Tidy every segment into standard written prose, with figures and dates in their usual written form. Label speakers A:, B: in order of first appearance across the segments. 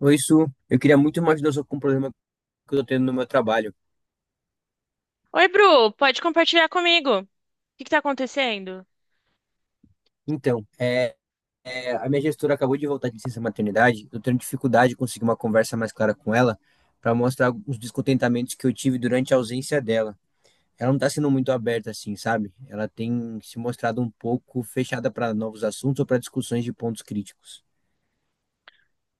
A: Oi, Su. Eu queria muito uma ajuda sua com um problema que eu tô tendo no meu trabalho.
B: Oi, Bru, pode compartilhar comigo? O que que tá acontecendo?
A: Então, a minha gestora acabou de voltar de licença maternidade. Eu tendo dificuldade de conseguir uma conversa mais clara com ela para mostrar os descontentamentos que eu tive durante a ausência dela. Ela não tá sendo muito aberta assim, sabe? Ela tem se mostrado um pouco fechada para novos assuntos ou para discussões de pontos críticos.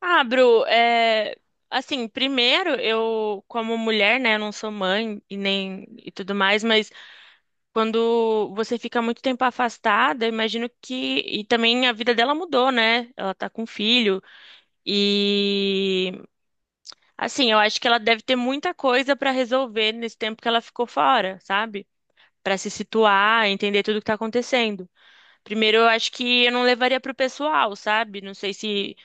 B: Ah, Bru, assim, primeiro, eu, como mulher, né, eu não sou mãe e nem e tudo mais, mas quando você fica muito tempo afastada, eu imagino que. E também a vida dela mudou, né? Ela tá com filho. E, assim, eu acho que ela deve ter muita coisa pra resolver nesse tempo que ela ficou fora, sabe? Pra se situar, entender tudo que tá acontecendo. Primeiro, eu acho que eu não levaria pro pessoal, sabe? Não sei se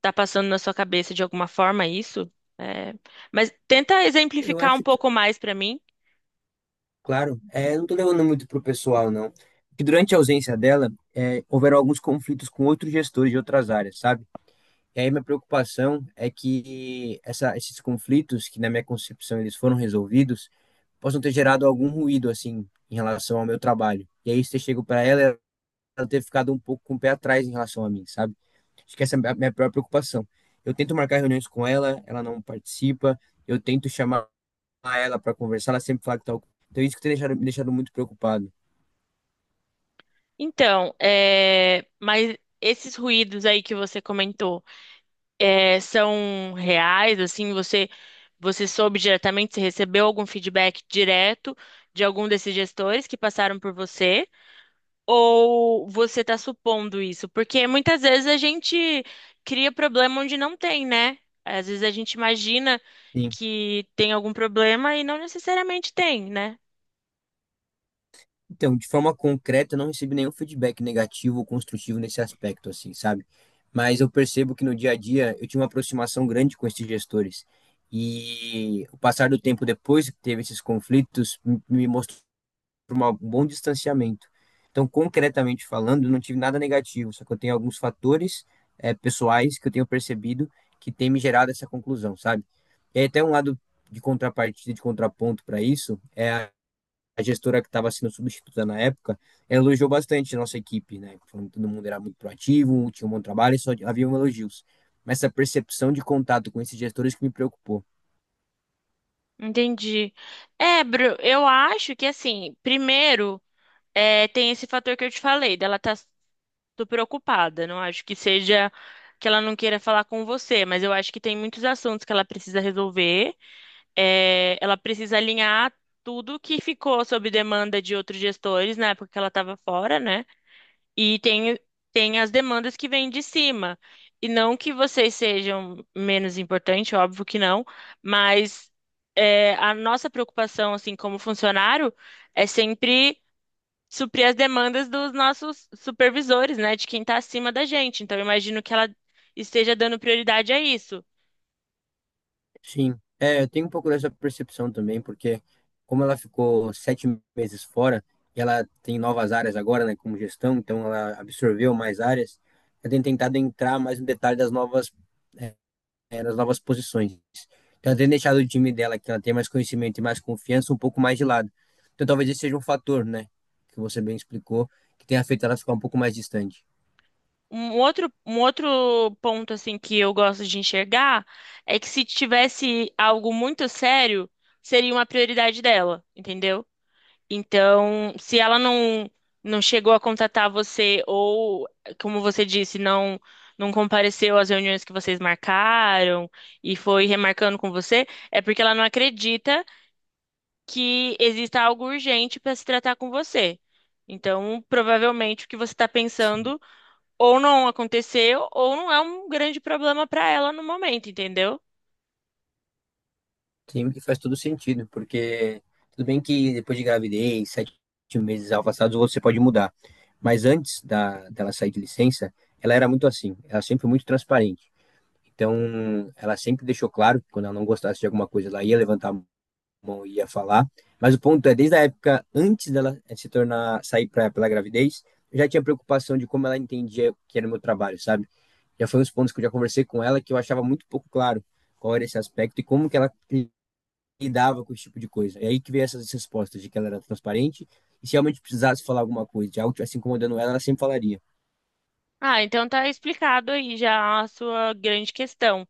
B: tá passando na sua cabeça de alguma forma isso. é, Mas tenta
A: Eu
B: exemplificar um
A: acho que,
B: pouco mais pra mim.
A: claro, eu não tô levando muito pro pessoal, não. Que durante a ausência dela, houveram alguns conflitos com outros gestores de outras áreas, sabe? E aí minha preocupação é que esses conflitos, que na minha concepção eles foram resolvidos, possam ter gerado algum ruído, assim, em relação ao meu trabalho. E aí você chega para ela, ela ter ficado um pouco com o pé atrás em relação a mim, sabe? Acho que essa é a minha pior preocupação. Eu tento marcar reuniões com ela, ela não participa, eu tento chamar ela para conversar, ela sempre fala que tá... Então é isso que tem deixado, me deixado muito preocupado.
B: Então, é, mas esses ruídos aí que você comentou, é, são reais, assim, você soube diretamente, você recebeu algum feedback direto de algum desses gestores que passaram por você? Ou você está supondo isso? Porque muitas vezes a gente cria problema onde não tem, né? Às vezes a gente imagina
A: Sim.
B: que tem algum problema e não necessariamente tem, né?
A: Então, de forma concreta, eu não recebi nenhum feedback negativo ou construtivo nesse aspecto, assim, sabe? Mas eu percebo que no dia a dia eu tinha uma aproximação grande com esses gestores. E o passar do tempo depois que teve esses conflitos me mostrou um bom distanciamento. Então, concretamente falando, eu não tive nada negativo, só que eu tenho alguns fatores, pessoais que eu tenho percebido que tem me gerado essa conclusão, sabe? E aí, até um lado de contrapartida, de contraponto para isso, é a gestora que estava sendo substituta na época, ela elogiou bastante a nossa equipe, né? Falando que todo mundo era muito proativo, tinha um bom trabalho, e só havia um elogios. Mas essa percepção de contato com esses gestores que me preocupou.
B: Entendi. É, Bru, eu acho que assim, primeiro, é, tem esse fator que eu te falei, dela tá super ocupada. Não acho que seja que ela não queira falar com você, mas eu acho que tem muitos assuntos que ela precisa resolver. É, ela precisa alinhar tudo que ficou sob demanda de outros gestores na época que ela estava fora, né? E tem, tem as demandas que vêm de cima. E não que vocês sejam menos importantes, óbvio que não, mas é, a nossa preocupação, assim, como funcionário, é sempre suprir as demandas dos nossos supervisores, né? De quem está acima da gente. Então, eu imagino que ela esteja dando prioridade a isso.
A: Sim, é, eu tenho um pouco dessa percepção também, porque como ela ficou 7 meses fora, e ela tem novas áreas agora, né, como gestão, então ela absorveu mais áreas, eu tenho tentado entrar mais no detalhe nas novas posições. Então, ela tem deixado o time dela, que ela tem mais conhecimento e mais confiança, um pouco mais de lado. Então, talvez esse seja um fator, né? Que você bem explicou, que tenha feito ela ficar um pouco mais distante.
B: Um outro ponto assim que eu gosto de enxergar é que se tivesse algo muito sério, seria uma prioridade dela, entendeu? Então, se ela não chegou a contatar você ou, como você disse, não compareceu às reuniões que vocês marcaram e foi remarcando com você, é porque ela não acredita que exista algo urgente para se tratar com você. Então, provavelmente o que você está pensando ou não aconteceu, ou não é um grande problema para ela no momento, entendeu?
A: Sim, que faz todo sentido, porque tudo bem que depois de gravidez, 7 meses afastados, você pode mudar. Mas antes dela sair de licença, ela era muito assim, ela sempre foi muito transparente. Então, ela sempre deixou claro que quando ela não gostasse de alguma coisa, ela ia levantar, a bom, ia falar. Mas o ponto é, desde a época antes dela eh, se tornar sair pra, pela gravidez, eu já tinha preocupação de como ela entendia que era o meu trabalho, sabe? Já foi uns pontos que eu já conversei com ela que eu achava muito pouco claro qual era esse aspecto e como que ela lidava com esse tipo de coisa. E aí que veio essas respostas de que ela era transparente e se realmente precisasse falar alguma coisa, de algo tivesse incomodando ela, ela sempre falaria.
B: Ah, então tá explicado aí já a sua grande questão.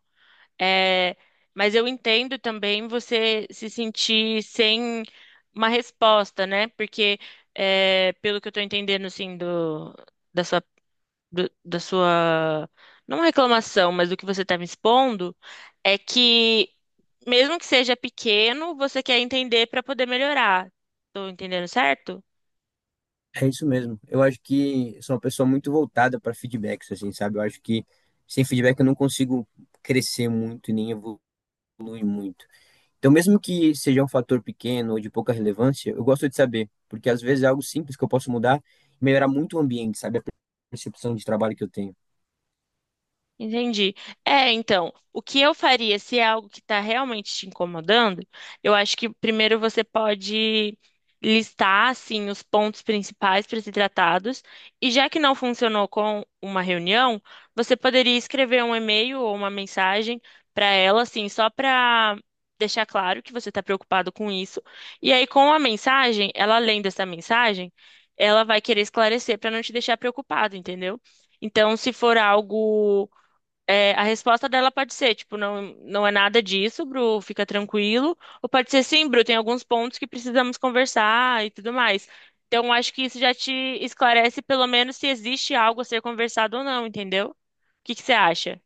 B: É, mas eu entendo também você se sentir sem uma resposta, né? Porque, é, pelo que eu tô entendendo, assim, da sua, da sua, não reclamação, mas do que você tá me expondo, é que, mesmo que seja pequeno, você quer entender para poder melhorar. Tô entendendo certo?
A: É isso mesmo. Eu acho que sou uma pessoa muito voltada para feedbacks, assim, sabe? Eu acho que sem feedback eu não consigo crescer muito e nem evoluir muito. Então, mesmo que seja um fator pequeno ou de pouca relevância, eu gosto de saber, porque às vezes é algo simples que eu posso mudar e melhorar muito o ambiente, sabe? A percepção de trabalho que eu tenho.
B: Entendi. É, então, o que eu faria se é algo que está realmente te incomodando, eu acho que primeiro você pode listar, assim, os pontos principais para ser tratados, e já que não funcionou com uma reunião, você poderia escrever um e-mail ou uma mensagem para ela, assim, só para deixar claro que você está preocupado com isso, e aí com a mensagem, ela lendo essa mensagem, ela vai querer esclarecer para não te deixar preocupado, entendeu? Então, se for algo é, a resposta dela pode ser, tipo, não, não é nada disso, Bru, fica tranquilo. Ou pode ser, sim, Bru, tem alguns pontos que precisamos conversar e tudo mais. Então, acho que isso já te esclarece, pelo menos, se existe algo a ser conversado ou não, entendeu? O que que você acha?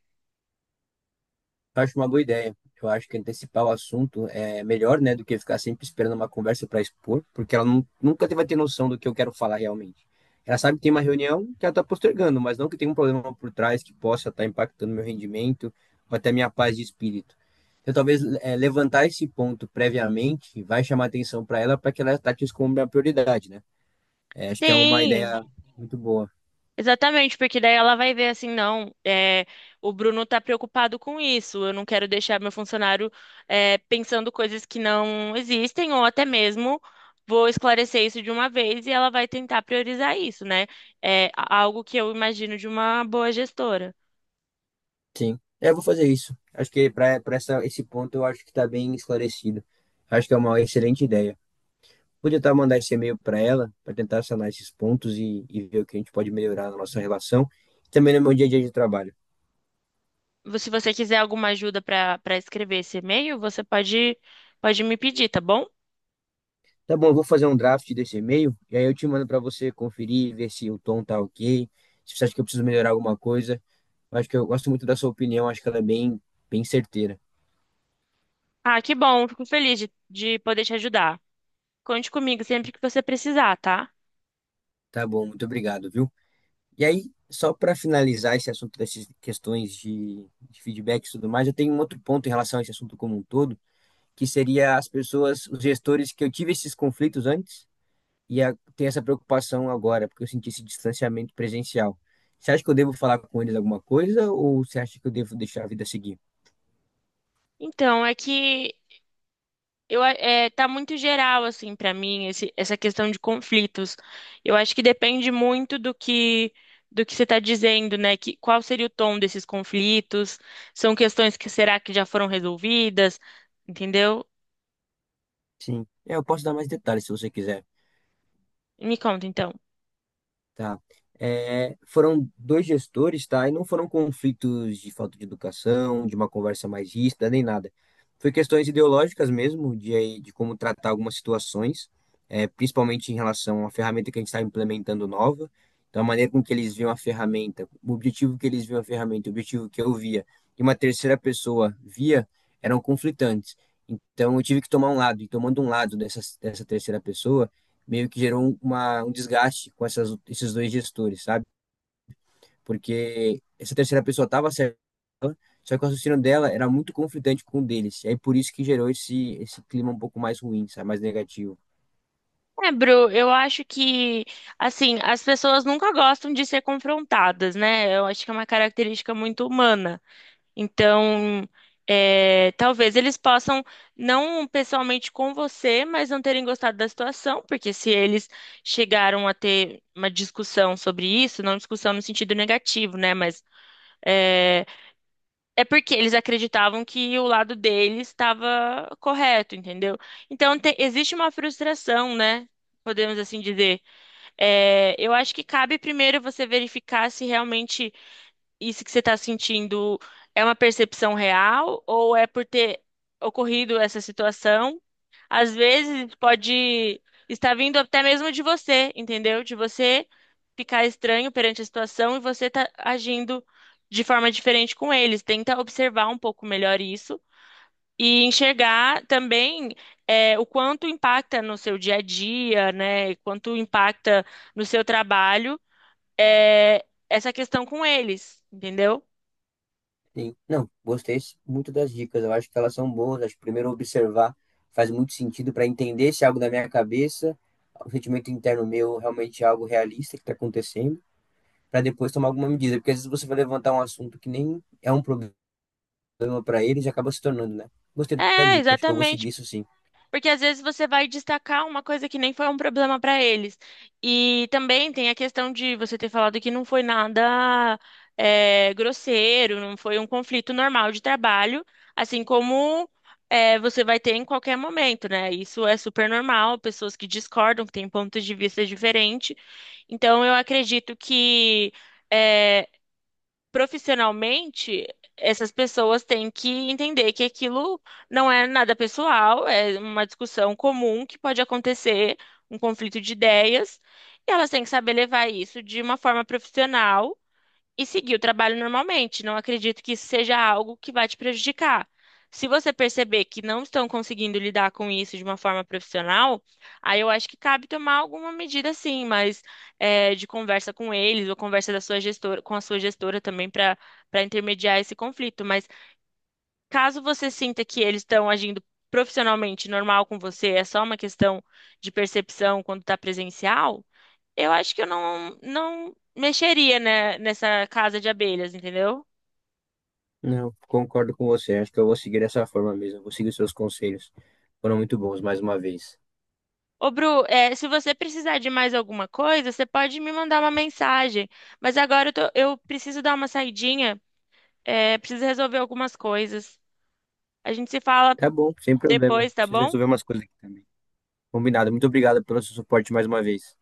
A: Acho uma boa ideia. Eu acho que antecipar o assunto é melhor, né, do que ficar sempre esperando uma conversa para expor, porque ela nunca vai ter noção do que eu quero falar realmente. Ela sabe que tem uma reunião que ela está postergando, mas não que tem um problema por trás que possa estar impactando meu rendimento ou até minha paz de espírito. Então, talvez é, levantar esse ponto previamente vai chamar atenção para ela para que ela trate isso como minha prioridade, né? É, acho que é uma
B: Sim,
A: ideia muito boa.
B: exatamente, porque daí ela vai ver assim, não, é, o Bruno tá preocupado com isso, eu não quero deixar meu funcionário é, pensando coisas que não existem, ou até mesmo vou esclarecer isso de uma vez e ela vai tentar priorizar isso, né? É algo que eu imagino de uma boa gestora.
A: Sim. É, eu vou fazer isso. Acho que para essa esse ponto eu acho que está bem esclarecido. Acho que é uma excelente ideia. Vou tentar mandar esse e-mail para ela, para tentar sanar esses pontos e ver o que a gente pode melhorar na nossa relação e também no meu dia a dia de trabalho.
B: Se você quiser alguma ajuda para escrever esse e-mail, você pode, pode me pedir, tá bom?
A: Tá bom, eu vou fazer um draft desse e-mail e aí eu te mando para você conferir, ver se o tom tá ok, se você acha que eu preciso melhorar alguma coisa. Acho que eu gosto muito da sua opinião, acho que ela é bem, bem certeira.
B: Ah, que bom, fico feliz de poder te ajudar. Conte comigo sempre que você precisar, tá?
A: Tá bom, muito obrigado, viu? E aí, só para finalizar esse assunto dessas questões de feedback e tudo mais, eu tenho um outro ponto em relação a esse assunto como um todo, que seria as pessoas, os gestores que eu tive esses conflitos antes e tenho essa preocupação agora, porque eu senti esse distanciamento presencial. Você acha que eu devo falar com eles alguma coisa ou você acha que eu devo deixar a vida seguir?
B: Então, é que tá muito geral, assim, pra mim, essa questão de conflitos. Eu acho que depende muito do que você está dizendo, né? Que, qual seria o tom desses conflitos? São questões que será que já foram resolvidas? Entendeu?
A: Sim, é, eu posso dar mais detalhes se você quiser.
B: Me conta, então.
A: Tá. É, foram dois gestores, tá? E não foram conflitos de falta de educação, de uma conversa mais ríspida, nem nada. Foi questões ideológicas mesmo, de como tratar algumas situações, é, principalmente em relação à ferramenta que a gente está implementando nova. Então, a maneira com que eles viam a ferramenta, o objetivo que eles viam a ferramenta, o objetivo que eu via, e uma terceira pessoa via, eram conflitantes. Então, eu tive que tomar um lado, e tomando um lado dessa terceira pessoa, meio que gerou uma, um desgaste com esses dois gestores, sabe? Porque essa terceira pessoa estava certa, só que o raciocínio dela era muito conflitante com o deles. E aí por isso que gerou esse clima um pouco mais ruim, sabe? Mais negativo.
B: É, Bru, eu acho que, assim, as pessoas nunca gostam de ser confrontadas, né? Eu acho que é uma característica muito humana. Então, é, talvez eles possam, não pessoalmente com você, mas não terem gostado da situação, porque se eles chegaram a ter uma discussão sobre isso, não discussão no sentido negativo, né? Mas é, é porque eles acreditavam que o lado deles estava correto, entendeu? Então, existe uma frustração, né? Podemos assim dizer. É, eu acho que cabe primeiro você verificar se realmente isso que você está sentindo é uma percepção real ou é por ter ocorrido essa situação? Às vezes pode estar vindo até mesmo de você, entendeu? De você ficar estranho perante a situação e você tá agindo de forma diferente com eles. Tenta observar um pouco melhor isso. E enxergar também é, o quanto impacta no seu dia a dia, né? Quanto impacta no seu trabalho é, essa questão com eles, entendeu?
A: Sim. Não, gostei muito das dicas. Eu acho que elas são boas. Acho que primeiro observar faz muito sentido para entender se é algo da minha cabeça, o sentimento interno meu realmente é algo realista que está acontecendo, para depois tomar alguma medida. Porque às vezes você vai levantar um assunto que nem é um problema problema para eles acaba se tornando, né? Gostei da
B: É,
A: dica, acho que eu vou
B: exatamente.
A: seguir isso sim.
B: Porque às vezes você vai destacar uma coisa que nem foi um problema para eles. E também tem a questão de você ter falado que não foi nada é, grosseiro, não foi um conflito normal de trabalho, assim como é, você vai ter em qualquer momento, né? Isso é super normal, pessoas que discordam, que têm pontos de vista diferentes. Então, eu acredito que. eh, profissionalmente, essas pessoas têm que entender que aquilo não é nada pessoal, é uma discussão comum que pode acontecer, um conflito de ideias, e elas têm que saber levar isso de uma forma profissional e seguir o trabalho normalmente. Não acredito que isso seja algo que vai te prejudicar. Se você perceber que não estão conseguindo lidar com isso de uma forma profissional, aí eu acho que cabe tomar alguma medida, sim, mas é, de conversa com eles ou conversa da sua gestora, com a sua gestora também para intermediar esse conflito. Mas caso você sinta que eles estão agindo profissionalmente normal com você, é só uma questão de percepção quando está presencial. Eu acho que eu não mexeria, né, nessa casa de abelhas, entendeu?
A: Não, concordo com você. Acho que eu vou seguir dessa forma mesmo. Vou seguir os seus conselhos. Foram muito bons, mais uma vez.
B: Ô, Bru, é, se você precisar de mais alguma coisa, você pode me mandar uma mensagem. Mas agora eu, eu preciso dar uma saidinha, é, preciso resolver algumas coisas. A gente se fala
A: Tá bom, sem problema.
B: depois, tá
A: Preciso
B: bom?
A: resolver umas coisas aqui também. Combinado. Muito obrigado pelo seu suporte mais uma vez.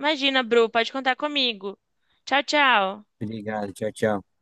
B: Imagina, Bru, pode contar comigo. Tchau, tchau.
A: Obrigado. Tchau, tchau.